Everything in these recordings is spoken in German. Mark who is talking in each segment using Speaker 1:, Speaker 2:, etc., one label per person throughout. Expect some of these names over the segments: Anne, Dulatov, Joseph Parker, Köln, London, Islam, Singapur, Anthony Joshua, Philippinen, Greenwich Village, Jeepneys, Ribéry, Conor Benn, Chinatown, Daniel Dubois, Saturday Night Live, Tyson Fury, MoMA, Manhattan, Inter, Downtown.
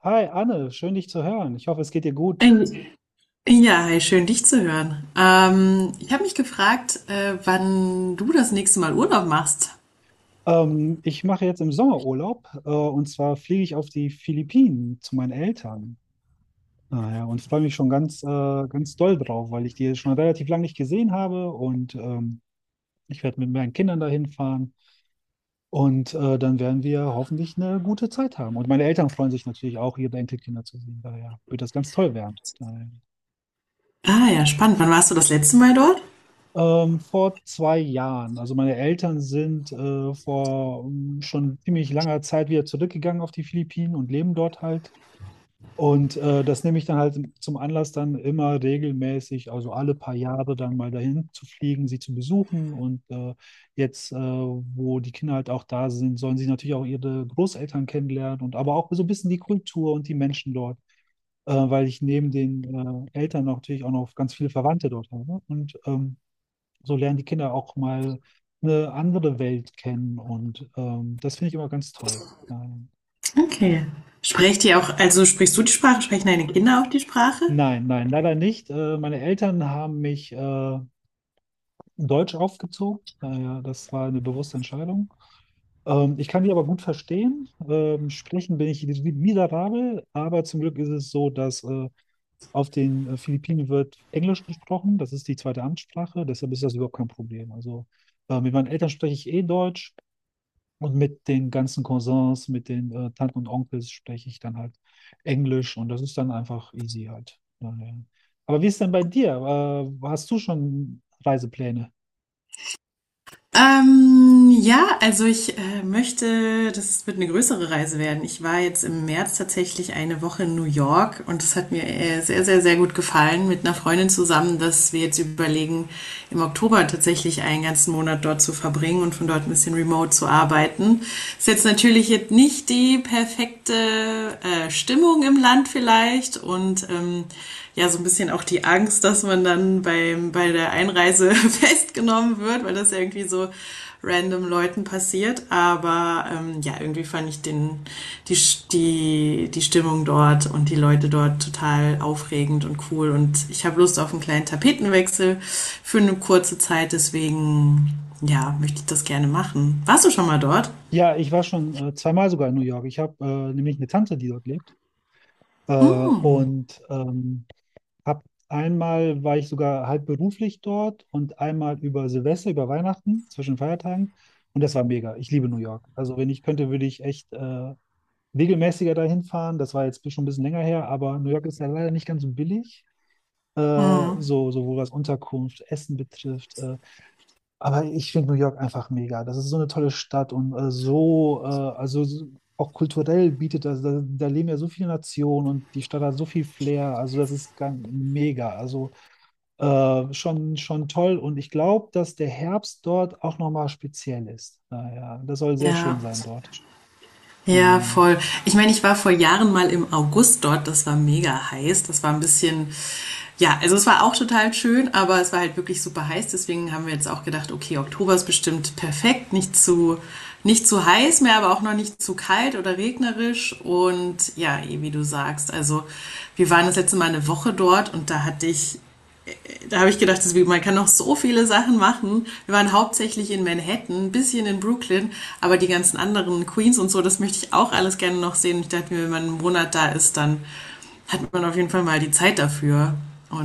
Speaker 1: Hi Anne, schön dich zu hören. Ich hoffe, es geht dir gut.
Speaker 2: Ähm, ja, Hi, schön dich zu hören. Ich habe mich gefragt, wann du das nächste Mal Urlaub machst.
Speaker 1: Ich mache jetzt im Sommerurlaub, und zwar fliege ich auf die Philippinen zu meinen Eltern. Naja, und freue mich schon ganz doll drauf, weil ich die schon relativ lange nicht gesehen habe und ich werde mit meinen Kindern dahin fahren und dann werden wir hoffentlich eine gute Zeit haben. Und meine Eltern freuen sich natürlich auch, ihre Enkelkinder zu sehen. Daher wird das ganz toll werden. Daher.
Speaker 2: Ah ja, spannend. Wann warst du das letzte Mal dort?
Speaker 1: Vor 2 Jahren. Also meine Eltern sind vor schon ziemlich langer Zeit wieder zurückgegangen auf die Philippinen und leben dort halt. Und das nehme ich dann halt zum Anlass, dann immer regelmäßig, also alle paar Jahre dann mal dahin zu fliegen, sie zu besuchen. Und jetzt, wo die Kinder halt auch da sind, sollen sie natürlich auch ihre Großeltern kennenlernen und aber auch so ein bisschen die Kultur und die Menschen dort, weil ich neben den Eltern natürlich auch noch ganz viele Verwandte dort habe. Und so lernen die Kinder auch mal eine andere Welt kennen und das finde ich immer ganz toll. Ähm,
Speaker 2: Okay. Sprecht ihr auch, also sprichst du die Sprache, sprechen deine Kinder auch die Sprache?
Speaker 1: nein, nein, leider nicht. Meine Eltern haben mich deutsch aufgezogen. Naja, das war eine bewusste Entscheidung. Ich kann die aber gut verstehen. Sprechen bin ich miserabel, aber zum Glück ist es so, dass auf den Philippinen wird Englisch gesprochen. Das ist die zweite Amtssprache, deshalb ist das überhaupt kein Problem. Also mit meinen Eltern spreche ich eh Deutsch. Und mit den ganzen Cousins, mit den Tanten und Onkels spreche ich dann halt Englisch und das ist dann einfach easy halt. Naja. Aber wie ist denn bei dir? Hast du schon Reisepläne?
Speaker 2: Ja, also ich möchte, das wird eine größere Reise werden. Ich war jetzt im März tatsächlich eine Woche in New York und das hat mir sehr, sehr, sehr gut gefallen mit einer Freundin zusammen, dass wir jetzt überlegen, im Oktober tatsächlich einen ganzen Monat dort zu verbringen und von dort ein bisschen remote zu arbeiten. Ist jetzt natürlich jetzt nicht die perfekte Stimmung im Land vielleicht und ja so ein bisschen auch die Angst, dass man dann bei der Einreise festgenommen wird, weil das ja irgendwie so random Leuten passiert. Aber ja, irgendwie fand ich die, die Stimmung dort und die Leute dort total aufregend und cool. Und ich habe Lust auf einen kleinen Tapetenwechsel für eine kurze Zeit. Deswegen, ja, möchte ich das gerne machen. Warst du schon mal dort?
Speaker 1: Ja, ich war schon zweimal sogar in New York. Ich habe nämlich eine Tante, die dort lebt. Und hab einmal war ich sogar halb beruflich dort und einmal über Silvester, über Weihnachten, zwischen Feiertagen. Und das war mega. Ich liebe New York. Also wenn ich könnte, würde ich echt regelmäßiger dahin fahren. Das war jetzt schon ein bisschen länger her, aber New York ist ja leider nicht ganz so billig. Sowohl was Unterkunft, Essen betrifft. Aber ich finde New York einfach mega. Das ist so eine tolle Stadt und auch kulturell bietet das, da leben ja so viele Nationen und die Stadt hat so viel Flair. Also das ist ganz mega. Also schon toll. Und ich glaube, dass der Herbst dort auch nochmal speziell ist. Naja, das soll sehr schön
Speaker 2: Ja,
Speaker 1: sein dort. Äh,
Speaker 2: ja, voll. Ich meine, ich war vor Jahren mal im August dort, das war mega heiß. Das war ein bisschen, ja, also es war auch total schön, aber es war halt wirklich super heiß. Deswegen haben wir jetzt auch gedacht, okay, Oktober ist bestimmt perfekt, nicht zu heiß mehr, aber auch noch nicht zu kalt oder regnerisch. Und ja, eh, wie du sagst, also wir waren das letzte Mal eine Woche dort und da habe ich gedacht, man kann noch so viele Sachen machen. Wir waren hauptsächlich in Manhattan, ein bisschen in Brooklyn, aber die ganzen anderen Queens und so, das möchte ich auch alles gerne noch sehen. Ich dachte mir, wenn man einen Monat da ist, dann hat man auf jeden Fall mal die Zeit dafür.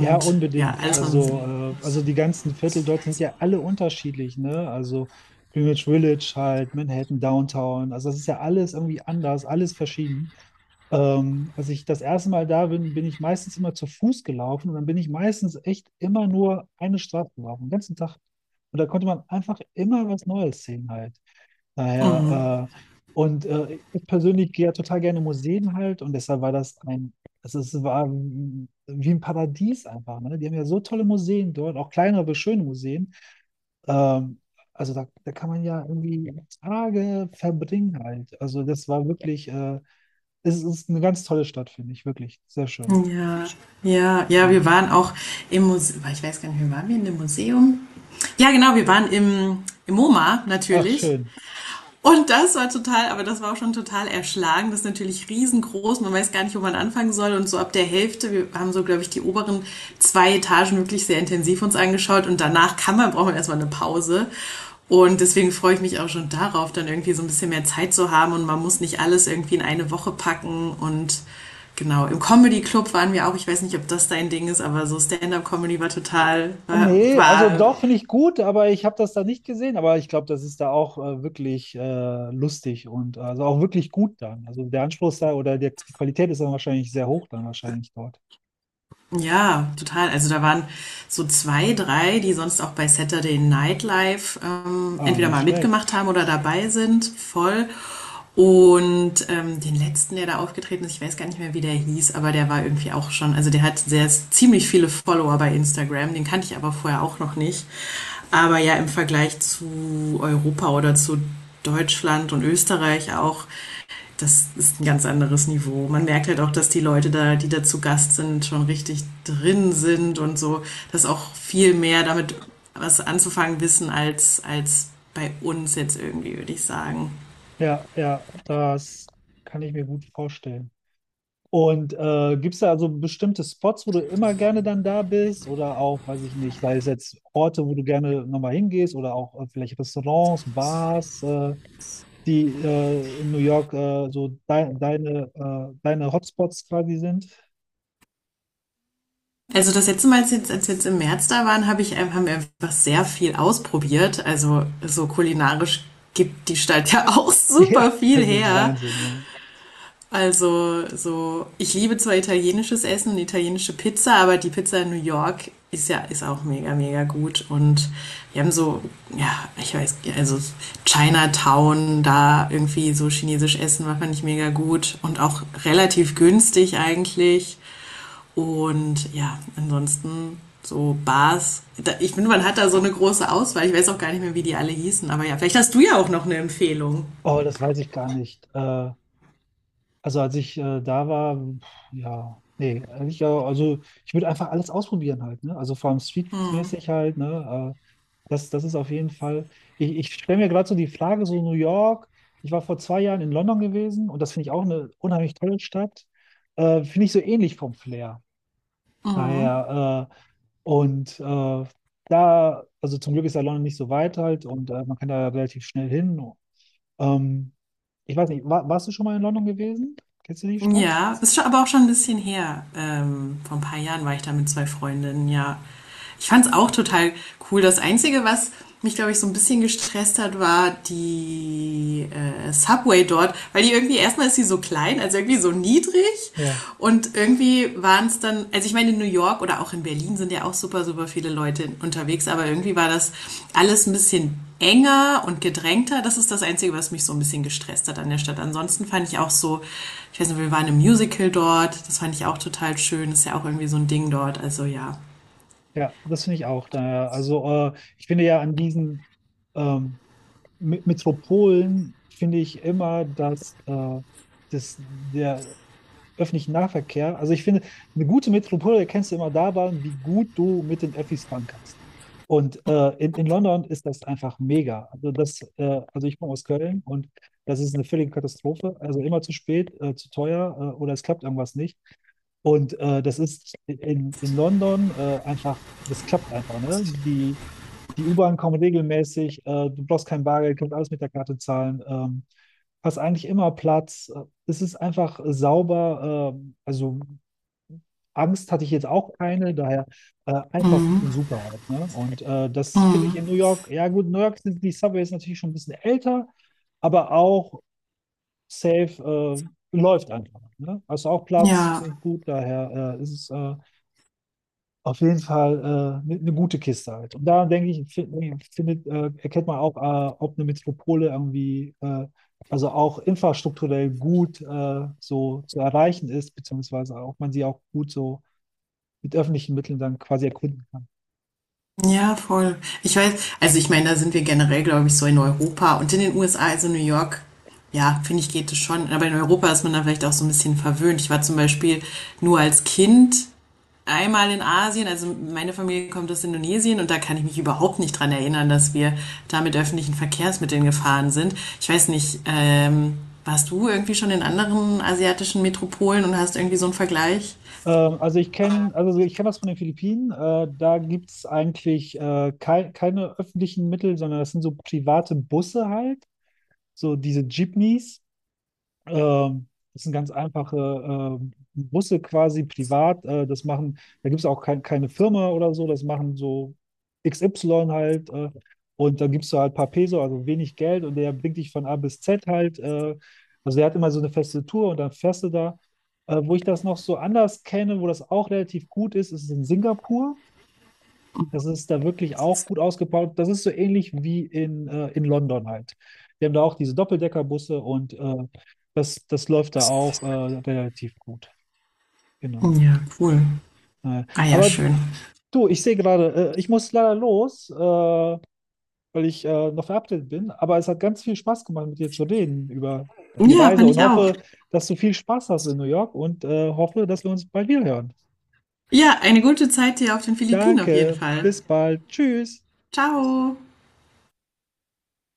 Speaker 1: Ja,
Speaker 2: ja,
Speaker 1: unbedingt.
Speaker 2: alles mal ein bisschen.
Speaker 1: Also die ganzen Viertel dort sind ja alle unterschiedlich, ne? Also Greenwich Village halt, Manhattan, Downtown. Also das ist ja alles irgendwie anders, alles verschieden. Als ich das erste Mal da bin, bin ich meistens immer zu Fuß gelaufen und dann bin ich meistens echt immer nur eine Straße gelaufen, den ganzen Tag. Und da konnte man einfach immer was Neues sehen halt. Daher, und Ich persönlich gehe ja total gerne in Museen halt und deshalb war es wie ein Paradies einfach. Ne? Die haben ja so tolle Museen dort, auch kleinere, aber schöne Museen. Ähm, also da kann man ja irgendwie Tage verbringen halt. Also das war wirklich. Es ist eine ganz tolle Stadt, finde ich, wirklich. Sehr schön.
Speaker 2: Ja, ja, ja,
Speaker 1: Mhm.
Speaker 2: wir waren auch im Museum, ich weiß gar nicht, wie waren wir in dem Museum? Ja, genau, wir waren im MoMA
Speaker 1: Ach,
Speaker 2: natürlich.
Speaker 1: schön.
Speaker 2: Und das war total, aber das war auch schon total erschlagen. Das ist natürlich riesengroß. Man weiß gar nicht, wo man anfangen soll. Und so ab der Hälfte, wir haben so, glaube ich, die oberen zwei Etagen wirklich sehr intensiv uns angeschaut. Und danach braucht man erstmal eine Pause. Und deswegen freue ich mich auch schon darauf, dann irgendwie so ein bisschen mehr Zeit zu haben. Und man muss nicht alles irgendwie in eine Woche packen. Und genau, im Comedy Club waren wir auch. Ich weiß nicht, ob das dein Ding ist, aber so Stand-up-Comedy
Speaker 1: Ah, nee, also
Speaker 2: war
Speaker 1: doch, finde ich gut, aber ich habe das da nicht gesehen. Aber ich glaube, das ist da auch wirklich lustig und also auch wirklich gut dann. Also der Anspruch ist da oder der, die Qualität ist dann wahrscheinlich sehr hoch dann wahrscheinlich dort.
Speaker 2: Ja, total. Also da waren so zwei, drei, die sonst auch bei Saturday Night Live
Speaker 1: Ah,
Speaker 2: entweder
Speaker 1: nicht
Speaker 2: mal
Speaker 1: schlecht.
Speaker 2: mitgemacht haben oder dabei sind, voll. Und den letzten, der da aufgetreten ist, ich weiß gar nicht mehr, wie der hieß, aber der war irgendwie auch schon, also der hat sehr ziemlich viele Follower bei Instagram, den kannte ich aber vorher auch noch nicht. Aber ja, im Vergleich zu Europa oder zu Deutschland und Österreich auch, das ist ein ganz anderes Niveau. Man merkt halt auch, dass die Leute da, die da zu Gast sind, schon richtig drin sind und so, dass auch viel mehr damit was anzufangen wissen als bei uns jetzt irgendwie, würde ich sagen.
Speaker 1: Ja, ja, das kann ich mir gut vorstellen. Und gibt es da also bestimmte Spots, wo du immer gerne dann da bist? Oder auch, weiß ich nicht, sei es jetzt Orte, wo du gerne nochmal hingehst oder auch vielleicht Restaurants, Bars? Die in New York so deine Hotspots quasi sind.
Speaker 2: Also das letzte Mal, wir jetzt im März da waren, haben wir einfach sehr viel ausprobiert. Also so kulinarisch gibt die Stadt ja auch
Speaker 1: Ja,
Speaker 2: super viel
Speaker 1: das ist
Speaker 2: her.
Speaker 1: Wahnsinn, ja.
Speaker 2: Also so, ich liebe zwar italienisches Essen und italienische Pizza, aber die Pizza in New York ist auch mega mega gut und wir haben so, ja, ich weiß, also Chinatown da irgendwie so chinesisch essen war, fand ich mega gut und auch relativ günstig eigentlich. Und ja, ansonsten so Bars, ich finde man hat da so eine große Auswahl, ich weiß auch gar nicht mehr wie die alle hießen, aber ja, vielleicht hast du ja auch noch eine Empfehlung.
Speaker 1: Oh, das weiß ich gar nicht. Also als ich da war, ja, nee, ehrlich, ja, also ich würde einfach alles ausprobieren halt, ne? Also vor allem Streetfood-mäßig halt, ne? Das ist auf jeden Fall. Ich stelle mir gerade so die Frage, so New York, ich war vor 2 Jahren in London gewesen und das finde ich auch eine unheimlich tolle Stadt. Finde ich so ähnlich vom Flair. Daher, und da, also Zum Glück ist der London nicht so weit halt und man kann da relativ schnell hin. Ähm, Ich weiß nicht, warst du schon mal in London gewesen? Kennst du die Stadt?
Speaker 2: Ja, ist schon, aber auch schon ein bisschen her. Vor ein paar Jahren war ich da mit zwei Freundinnen, ja. Ich fand es auch total cool. Das Einzige, was mich, glaube ich, so ein bisschen gestresst hat, war Subway dort, weil die irgendwie, erstmal ist sie so klein, also irgendwie so niedrig
Speaker 1: Ja,
Speaker 2: und irgendwie waren es dann, also ich meine, in New York oder auch in Berlin sind ja auch super, super viele Leute unterwegs, aber irgendwie war das alles ein bisschen enger und gedrängter. Das ist das Einzige, was mich so ein bisschen gestresst hat an der Stadt. Ansonsten fand ich auch so, ich weiß nicht, wir waren im Musical dort, das fand ich auch total schön, ist ja auch irgendwie so ein Ding dort, also ja.
Speaker 1: ja, das finde ich auch. Daher, also ich finde ja an diesen ähm, Metropolen finde ich immer, dass das, der, öffentlichen Nahverkehr. Also ich finde, eine gute Metropole erkennst du immer daran, wie gut du mit den Öffis fahren kannst. Und in London ist das einfach mega. Also ich komme aus Köln und das ist eine völlige Katastrophe. Also immer zu spät, zu teuer oder es klappt irgendwas nicht. Und das ist in London einfach, das klappt einfach. Ne? Die U-Bahn kommen regelmäßig, du brauchst kein Bargeld, kannst alles mit der Karte zahlen. Hast eigentlich immer Platz. Es ist einfach sauber. Also Angst hatte ich jetzt auch keine, daher einfach super halt. Ne? Und das finde
Speaker 2: Hm,
Speaker 1: ich in New York, ja gut, New York sind die Subways natürlich schon ein bisschen älter, aber auch safe läuft einfach. Ne? Hast auch Platz,
Speaker 2: ja,
Speaker 1: gut, daher ist es auf jeden Fall eine gute Kiste halt. Und da denke ich, erkennt man auch, ob eine Metropole irgendwie, also auch infrastrukturell gut so zu erreichen ist, beziehungsweise auch man sie auch gut so mit öffentlichen Mitteln dann quasi erkunden kann.
Speaker 2: ja, voll. Ich weiß, also ich meine, da sind wir generell, glaube ich, so in Europa und in den USA, also New York, ja, finde ich, geht es schon. Aber in Europa ist man da vielleicht auch so ein bisschen verwöhnt. Ich war zum Beispiel nur als Kind einmal in Asien, also meine Familie kommt aus Indonesien und da kann ich mich überhaupt nicht dran erinnern, dass wir da mit öffentlichen Verkehrsmitteln gefahren sind. Ich weiß nicht, warst du irgendwie schon in anderen asiatischen Metropolen und hast irgendwie so einen Vergleich?
Speaker 1: Also ich kenne das von den Philippinen. Da gibt es eigentlich keine öffentlichen Mittel, sondern das sind so private Busse halt, so diese Jeepneys. Ähm, Das sind ganz einfache Busse quasi privat. Das machen, da gibt es auch keine Firma oder so, das machen so XY halt. Und da gibst du halt ein paar Peso, also wenig Geld und der bringt dich von A bis Z halt. Also der hat immer so eine feste Tour und dann fährst du da. Wo ich das noch so anders kenne, wo das auch relativ gut ist, ist in Singapur. Das ist da wirklich auch gut ausgebaut. Das ist so ähnlich wie in London halt. Die haben da auch diese Doppeldeckerbusse und das läuft da auch relativ gut. Genau.
Speaker 2: Ja, cool.
Speaker 1: Äh,
Speaker 2: Ah ja,
Speaker 1: aber
Speaker 2: schön.
Speaker 1: du, ich sehe gerade, ich muss leider los, weil ich noch verabredet bin. Aber es hat ganz viel Spaß gemacht, mit dir zu reden über die
Speaker 2: Ja,
Speaker 1: Reise
Speaker 2: fand
Speaker 1: und
Speaker 2: ich auch.
Speaker 1: hoffe, dass du viel Spaß hast in New York und hoffe, dass wir uns bald wieder hören.
Speaker 2: Ja, eine gute Zeit dir auf den Philippinen auf jeden
Speaker 1: Danke,
Speaker 2: Fall.
Speaker 1: bis bald. Tschüss.
Speaker 2: Ciao.